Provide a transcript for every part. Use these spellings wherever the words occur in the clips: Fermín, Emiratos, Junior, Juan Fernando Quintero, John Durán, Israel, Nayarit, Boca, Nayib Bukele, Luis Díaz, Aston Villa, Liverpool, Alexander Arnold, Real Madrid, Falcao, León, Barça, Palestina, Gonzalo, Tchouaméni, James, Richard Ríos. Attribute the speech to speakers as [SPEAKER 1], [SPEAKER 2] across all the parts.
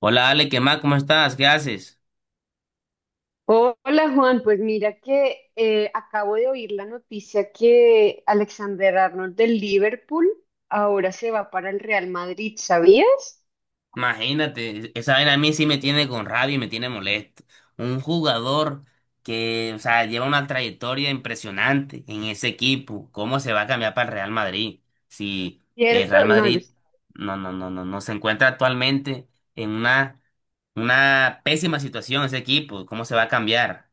[SPEAKER 1] Hola Ale, ¿qué más? ¿Cómo estás? ¿Qué haces?
[SPEAKER 2] Hola Juan, pues mira que acabo de oír la noticia que Alexander Arnold del Liverpool ahora se va para el Real Madrid, ¿sabías?
[SPEAKER 1] Imagínate, esa vaina a mí sí me tiene con rabia y me tiene molesto. Un jugador que, o sea, lleva una trayectoria impresionante en ese equipo. ¿Cómo se va a cambiar para el Real Madrid? Si el
[SPEAKER 2] ¿Cierto?
[SPEAKER 1] Real
[SPEAKER 2] No, yo
[SPEAKER 1] Madrid no, no, no, no, no se encuentra actualmente en una pésima situación ese equipo. ¿Cómo se va a cambiar?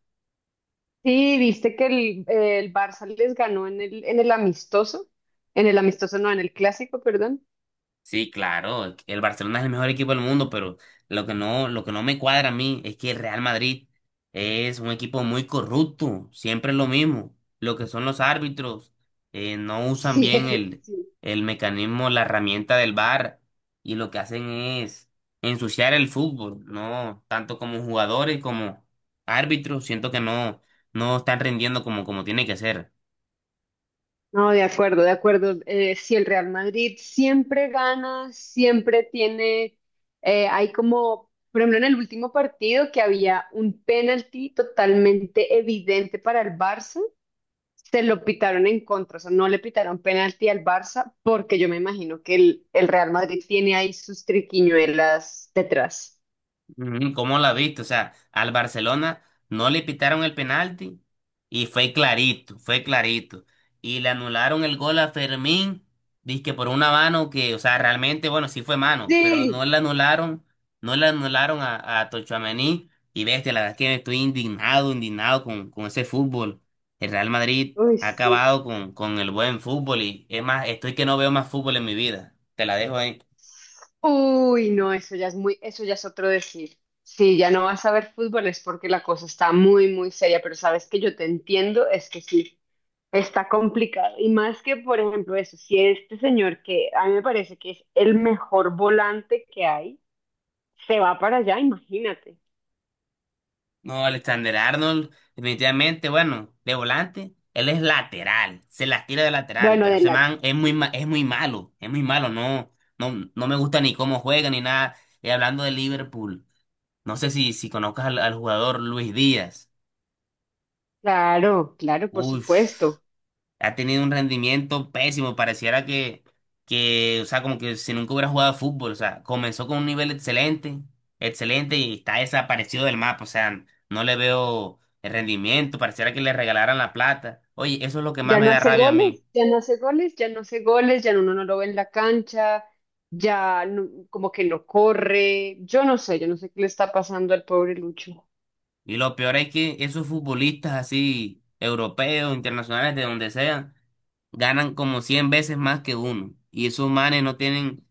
[SPEAKER 2] sí, viste que el Barça les ganó en en el amistoso no, en el clásico, perdón.
[SPEAKER 1] Sí, claro, el Barcelona es el mejor equipo del mundo, pero lo que no me cuadra a mí es que el Real Madrid es un equipo muy corrupto, siempre es lo mismo. Lo que son los árbitros, no usan
[SPEAKER 2] Sí,
[SPEAKER 1] bien el,
[SPEAKER 2] sí.
[SPEAKER 1] el mecanismo, la herramienta del VAR, y lo que hacen es ensuciar el fútbol, ¿no? Tanto como jugadores como árbitros, siento que no, no están rindiendo como tiene que ser.
[SPEAKER 2] No, de acuerdo, de acuerdo. Si el Real Madrid siempre gana, siempre tiene, hay como, por ejemplo, en el último partido que había un penalti totalmente evidente para el Barça, se lo pitaron en contra, o sea, no le pitaron penalti al Barça porque yo me imagino que el Real Madrid tiene ahí sus triquiñuelas detrás.
[SPEAKER 1] Ujú, ¿cómo la viste? O sea, al Barcelona no le pitaron el penalti y fue clarito, fue clarito. Y le anularon el gol a Fermín, dizque por una mano que, o sea, realmente, bueno, sí fue mano, pero no
[SPEAKER 2] Sí,
[SPEAKER 1] le anularon, no le anularon a Tchouaméni. Y bestia, la verdad es que estoy indignado, indignado con ese fútbol. El Real Madrid ha
[SPEAKER 2] sí.
[SPEAKER 1] acabado con el buen fútbol y es más, estoy que no veo más fútbol en mi vida. Te la dejo ahí.
[SPEAKER 2] Uy, no, eso ya es muy, eso ya es otro decir. Sí, ya no vas a ver fútbol es porque la cosa está muy, muy seria, pero sabes que yo te entiendo, es que sí, está complicado. Y más que, por ejemplo, eso, si este señor que a mí me parece que es el mejor volante que hay, se va para allá, imagínate.
[SPEAKER 1] No, Alexander Arnold, definitivamente, bueno, de volante, él es lateral, se las tira de lateral,
[SPEAKER 2] Bueno,
[SPEAKER 1] pero
[SPEAKER 2] de
[SPEAKER 1] ese
[SPEAKER 2] la...
[SPEAKER 1] man es muy,
[SPEAKER 2] sí.
[SPEAKER 1] es muy malo, no, no, no me gusta ni cómo juega ni nada. Y hablando de Liverpool, no sé si, si conozcas al, al jugador Luis Díaz.
[SPEAKER 2] Claro, claro, por
[SPEAKER 1] Uf,
[SPEAKER 2] supuesto.
[SPEAKER 1] ha tenido un rendimiento pésimo, pareciera que, o sea, como que si nunca hubiera jugado fútbol, o sea, comenzó con un nivel excelente, excelente y está desaparecido del mapa, o sea, no le veo el rendimiento, pareciera que le regalaran la plata. Oye, eso es lo que más
[SPEAKER 2] Ya
[SPEAKER 1] me
[SPEAKER 2] no
[SPEAKER 1] da
[SPEAKER 2] hace
[SPEAKER 1] rabia a
[SPEAKER 2] goles,
[SPEAKER 1] mí.
[SPEAKER 2] ya no hace goles, ya no hace goles, ya uno no lo ve en la cancha, ya no, como que no corre. Yo no sé qué le está pasando al pobre Lucho.
[SPEAKER 1] Y lo peor es que esos futbolistas así, europeos, internacionales, de donde sean, ganan como 100 veces más que uno. Y esos manes no tienen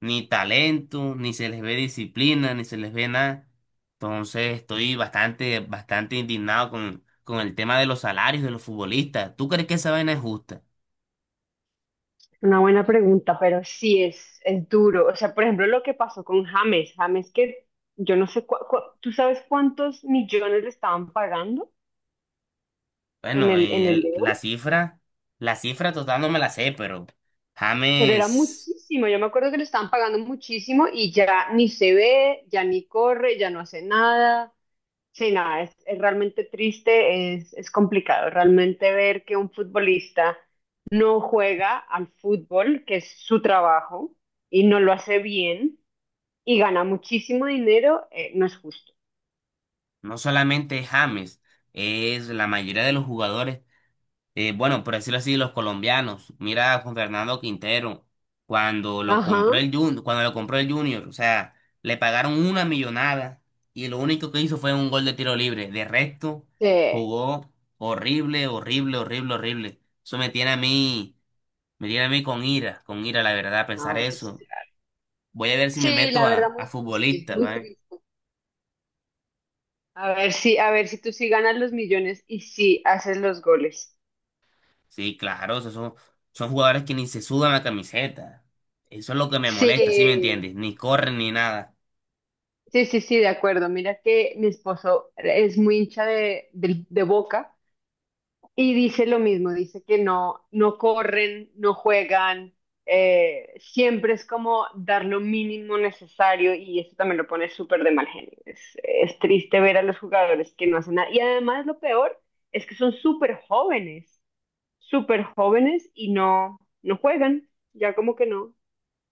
[SPEAKER 1] ni talento, ni se les ve disciplina, ni se les ve nada. Entonces estoy bastante, bastante indignado con el tema de los salarios de los futbolistas. ¿Tú crees que esa vaina es justa?
[SPEAKER 2] Una buena pregunta, pero sí es duro. O sea, por ejemplo, lo que pasó con James, James, que yo no sé, ¿tú sabes cuántos millones le estaban pagando en
[SPEAKER 1] Bueno,
[SPEAKER 2] en el León?
[SPEAKER 1] la cifra total no me la sé, pero
[SPEAKER 2] Pero era
[SPEAKER 1] James,
[SPEAKER 2] muchísimo, yo me acuerdo que le estaban pagando muchísimo y ya ni se ve, ya ni corre, ya no hace nada. Sí, no, es realmente triste, es complicado. Realmente ver que un futbolista no juega al fútbol, que es su trabajo, y no lo hace bien, y gana muchísimo dinero, no es justo.
[SPEAKER 1] no solamente es James, es la mayoría de los jugadores bueno, por decirlo así, los colombianos. Mira a Juan Fernando Quintero, cuando lo
[SPEAKER 2] Ajá.
[SPEAKER 1] compró el Junior, cuando lo compró el Junior, o sea, le pagaron una millonada y lo único que hizo fue un gol de tiro libre. De resto,
[SPEAKER 2] Sí,
[SPEAKER 1] jugó horrible, horrible, horrible, horrible. Eso me tiene a mí, me tiene a mí con ira, la verdad, pensar
[SPEAKER 2] no, pues,
[SPEAKER 1] eso.
[SPEAKER 2] claro.
[SPEAKER 1] Voy a ver si me
[SPEAKER 2] Sí,
[SPEAKER 1] meto
[SPEAKER 2] la verdad,
[SPEAKER 1] a
[SPEAKER 2] muy triste,
[SPEAKER 1] futbolista,
[SPEAKER 2] muy
[SPEAKER 1] ¿vale?
[SPEAKER 2] triste. A ver si tú sí ganas los millones y sí haces los goles.
[SPEAKER 1] Sí, claro, esos son, son jugadores que ni se sudan la camiseta. Eso es lo que me molesta, ¿sí me
[SPEAKER 2] Sí,
[SPEAKER 1] entiendes? Ni corren ni nada.
[SPEAKER 2] sí, sí, sí, de acuerdo. Mira que mi esposo es muy hincha de, del, de Boca. Y dice lo mismo, dice que no, no corren, no juegan, siempre es como dar lo mínimo necesario y eso también lo pone súper de mal genio. Es triste ver a los jugadores que no hacen nada. Y además lo peor es que son súper jóvenes y no, no juegan, ya como que no,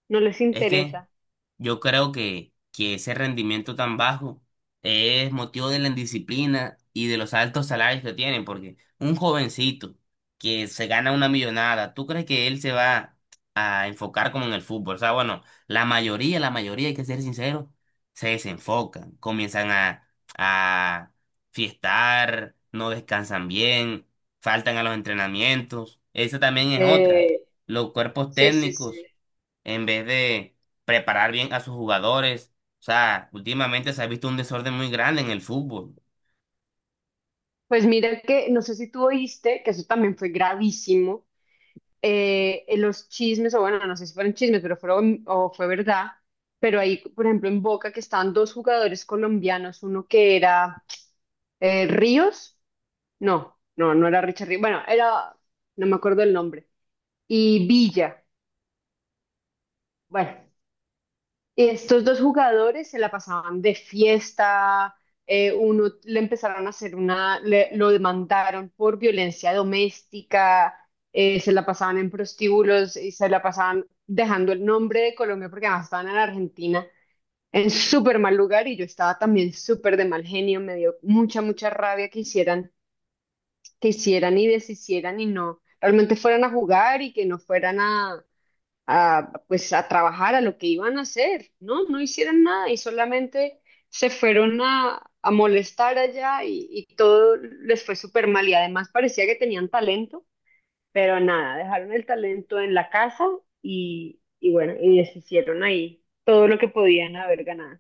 [SPEAKER 2] no les
[SPEAKER 1] Es que
[SPEAKER 2] interesa.
[SPEAKER 1] yo creo que ese rendimiento tan bajo es motivo de la indisciplina y de los altos salarios que tienen, porque un jovencito que se gana una millonada, ¿tú crees que él se va a enfocar como en el fútbol? O sea, bueno, la mayoría, hay que ser sincero, se desenfocan, comienzan a fiestar, no descansan bien, faltan a los entrenamientos. Esa también es otra,
[SPEAKER 2] Eh,
[SPEAKER 1] los cuerpos
[SPEAKER 2] Sí, sí,
[SPEAKER 1] técnicos
[SPEAKER 2] sí.
[SPEAKER 1] en vez de preparar bien a sus jugadores. O sea, últimamente se ha visto un desorden muy grande en el fútbol.
[SPEAKER 2] Pues mira que, no sé si tú oíste, que eso también fue gravísimo. Los chismes, o bueno, no sé si fueron chismes, pero fueron, o fue verdad, pero ahí, por ejemplo, en Boca que estaban dos jugadores colombianos, uno que era Ríos, no, no, no era Richard Ríos, bueno, era, no me acuerdo el nombre, y Villa, bueno, estos dos jugadores se la pasaban de fiesta, uno le empezaron a hacer una, lo demandaron por violencia doméstica, se la pasaban en prostíbulos y se la pasaban dejando el nombre de Colombia porque además estaban en Argentina en súper mal lugar y yo estaba también súper de mal genio, me dio mucha, mucha rabia que hicieran y deshicieran y no, realmente fueran a jugar y que no fueran a, pues a trabajar a lo que iban a hacer, ¿no? No hicieron nada y solamente se fueron a molestar allá y todo les fue súper mal y además parecía que tenían talento, pero nada, dejaron el talento en la casa y bueno, y deshicieron ahí todo lo que podían haber ganado.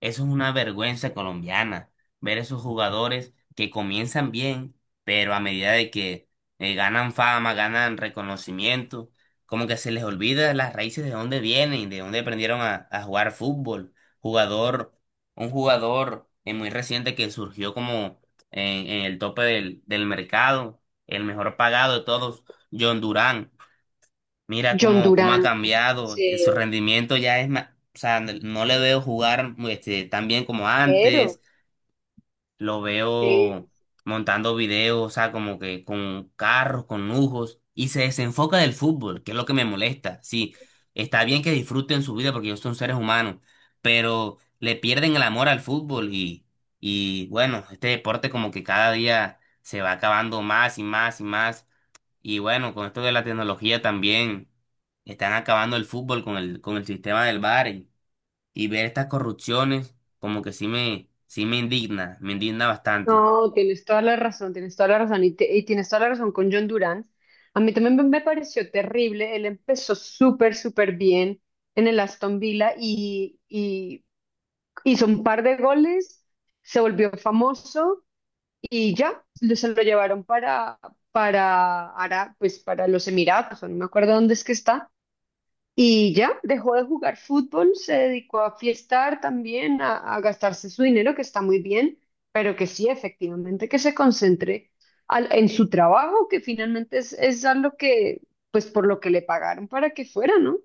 [SPEAKER 1] Eso es una vergüenza colombiana, ver esos jugadores que comienzan bien, pero a medida de que ganan fama, ganan reconocimiento, como que se les olvida las raíces de dónde vienen, de dónde aprendieron a jugar fútbol. Jugador, un jugador muy reciente que surgió como en el tope del, del mercado, el mejor pagado de todos, John Durán. Mira
[SPEAKER 2] John
[SPEAKER 1] cómo, cómo ha
[SPEAKER 2] Durán,
[SPEAKER 1] cambiado, y su
[SPEAKER 2] sí,
[SPEAKER 1] rendimiento ya es más, o sea, no le veo jugar este, tan bien como
[SPEAKER 2] pero,
[SPEAKER 1] antes, lo
[SPEAKER 2] sí.
[SPEAKER 1] veo montando videos, o sea, como que con carros, con lujos, y se desenfoca del fútbol, que es lo que me molesta. Sí, está bien que disfruten su vida porque ellos son seres humanos, pero le pierden el amor al fútbol y bueno, este deporte como que cada día se va acabando más y más y más. Y bueno, con esto de la tecnología también están acabando el fútbol con el sistema del VAR y ver estas corrupciones como que sí me indigna bastante.
[SPEAKER 2] No, tienes toda la razón, tienes toda la razón y, y tienes toda la razón con John Durant. A mí también me pareció terrible, él empezó súper, súper bien en el Aston Villa y hizo un par de goles, se volvió famoso y ya, se lo llevaron para, pues para los Emiratos, o no me acuerdo dónde es que está. Y ya, dejó de jugar fútbol, se dedicó a fiestar también, a gastarse su dinero, que está muy bien, pero que sí, efectivamente, que se concentre en su trabajo, que finalmente es a lo que, pues por lo que le pagaron para que fuera, ¿no?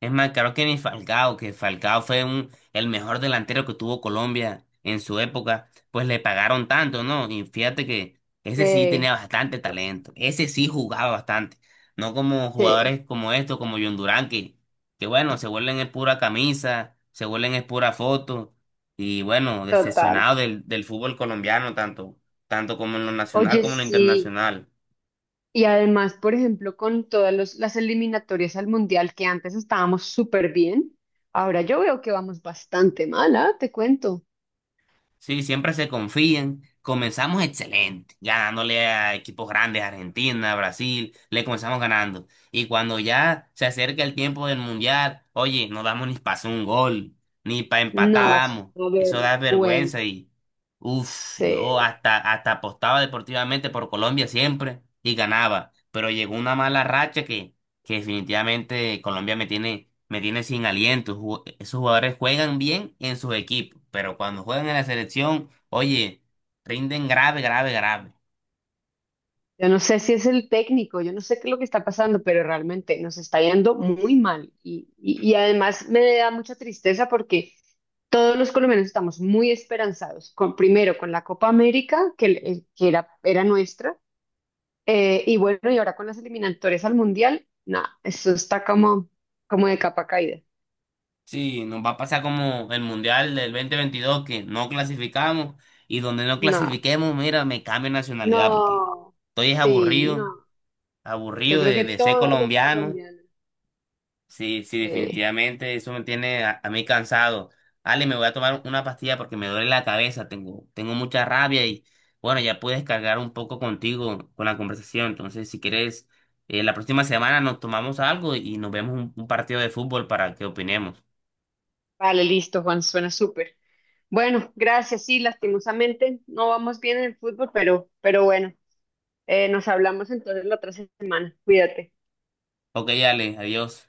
[SPEAKER 1] Es más, claro que ni Falcao, que Falcao fue un, el mejor delantero que tuvo Colombia en su época, pues le pagaron tanto, ¿no? Y fíjate que ese sí tenía
[SPEAKER 2] Tienes
[SPEAKER 1] bastante
[SPEAKER 2] razón.
[SPEAKER 1] talento, ese sí jugaba bastante, no como
[SPEAKER 2] Sí,
[SPEAKER 1] jugadores como estos, como John Durán, que bueno, se vuelven es pura camisa, se vuelven es pura foto, y bueno,
[SPEAKER 2] total.
[SPEAKER 1] decepcionado del, del fútbol colombiano, tanto, tanto como en lo nacional
[SPEAKER 2] Oye,
[SPEAKER 1] como en lo
[SPEAKER 2] sí.
[SPEAKER 1] internacional.
[SPEAKER 2] Y además, por ejemplo, con todas las eliminatorias al mundial que antes estábamos súper bien, ahora yo veo que vamos bastante mal, ¿ah? Te cuento.
[SPEAKER 1] Sí, siempre se confían. Comenzamos excelente, ganándole a equipos grandes, Argentina, Brasil, le comenzamos ganando. Y cuando ya se acerca el tiempo del mundial, oye, no damos ni para un gol, ni para empatar
[SPEAKER 2] No, eso es
[SPEAKER 1] damos.
[SPEAKER 2] una
[SPEAKER 1] Eso da vergüenza
[SPEAKER 2] vergüenza.
[SPEAKER 1] y, uff, yo hasta, hasta apostaba deportivamente por Colombia siempre y ganaba. Pero llegó una mala racha que definitivamente Colombia me tiene sin aliento. Esos jugadores juegan bien en sus equipos, pero cuando juegan en la selección, oye, rinden grave, grave, grave.
[SPEAKER 2] Yo no sé si es el técnico, yo no sé qué es lo que está pasando, pero realmente nos está yendo muy mal. Y además me da mucha tristeza porque todos los colombianos estamos muy esperanzados, con, primero con la Copa América, que era, era nuestra, y bueno, y ahora con las eliminatorias al Mundial, nada, eso está como, como de capa caída.
[SPEAKER 1] Sí, nos va a pasar como el Mundial del 2022 que no clasificamos y donde no
[SPEAKER 2] No,
[SPEAKER 1] clasifiquemos, mira, me cambio de nacionalidad porque
[SPEAKER 2] no,
[SPEAKER 1] estoy es
[SPEAKER 2] sí,
[SPEAKER 1] aburrido,
[SPEAKER 2] no. Yo
[SPEAKER 1] aburrido
[SPEAKER 2] creo que
[SPEAKER 1] de ser
[SPEAKER 2] todos los
[SPEAKER 1] colombiano.
[SPEAKER 2] colombianos.
[SPEAKER 1] Sí, sí,
[SPEAKER 2] Sí.
[SPEAKER 1] definitivamente eso me tiene a mí cansado. Ale, me voy a tomar una pastilla porque me duele la cabeza, tengo, tengo mucha rabia y bueno, ya pude descargar un poco contigo con la conversación. Entonces, si quieres, la próxima semana nos tomamos algo y nos vemos un partido de fútbol para que opinemos.
[SPEAKER 2] Vale, listo, Juan, suena súper. Bueno, gracias. Sí, lastimosamente no vamos bien en el fútbol, pero bueno, nos hablamos entonces la otra semana. Cuídate.
[SPEAKER 1] Ok, Ale, adiós.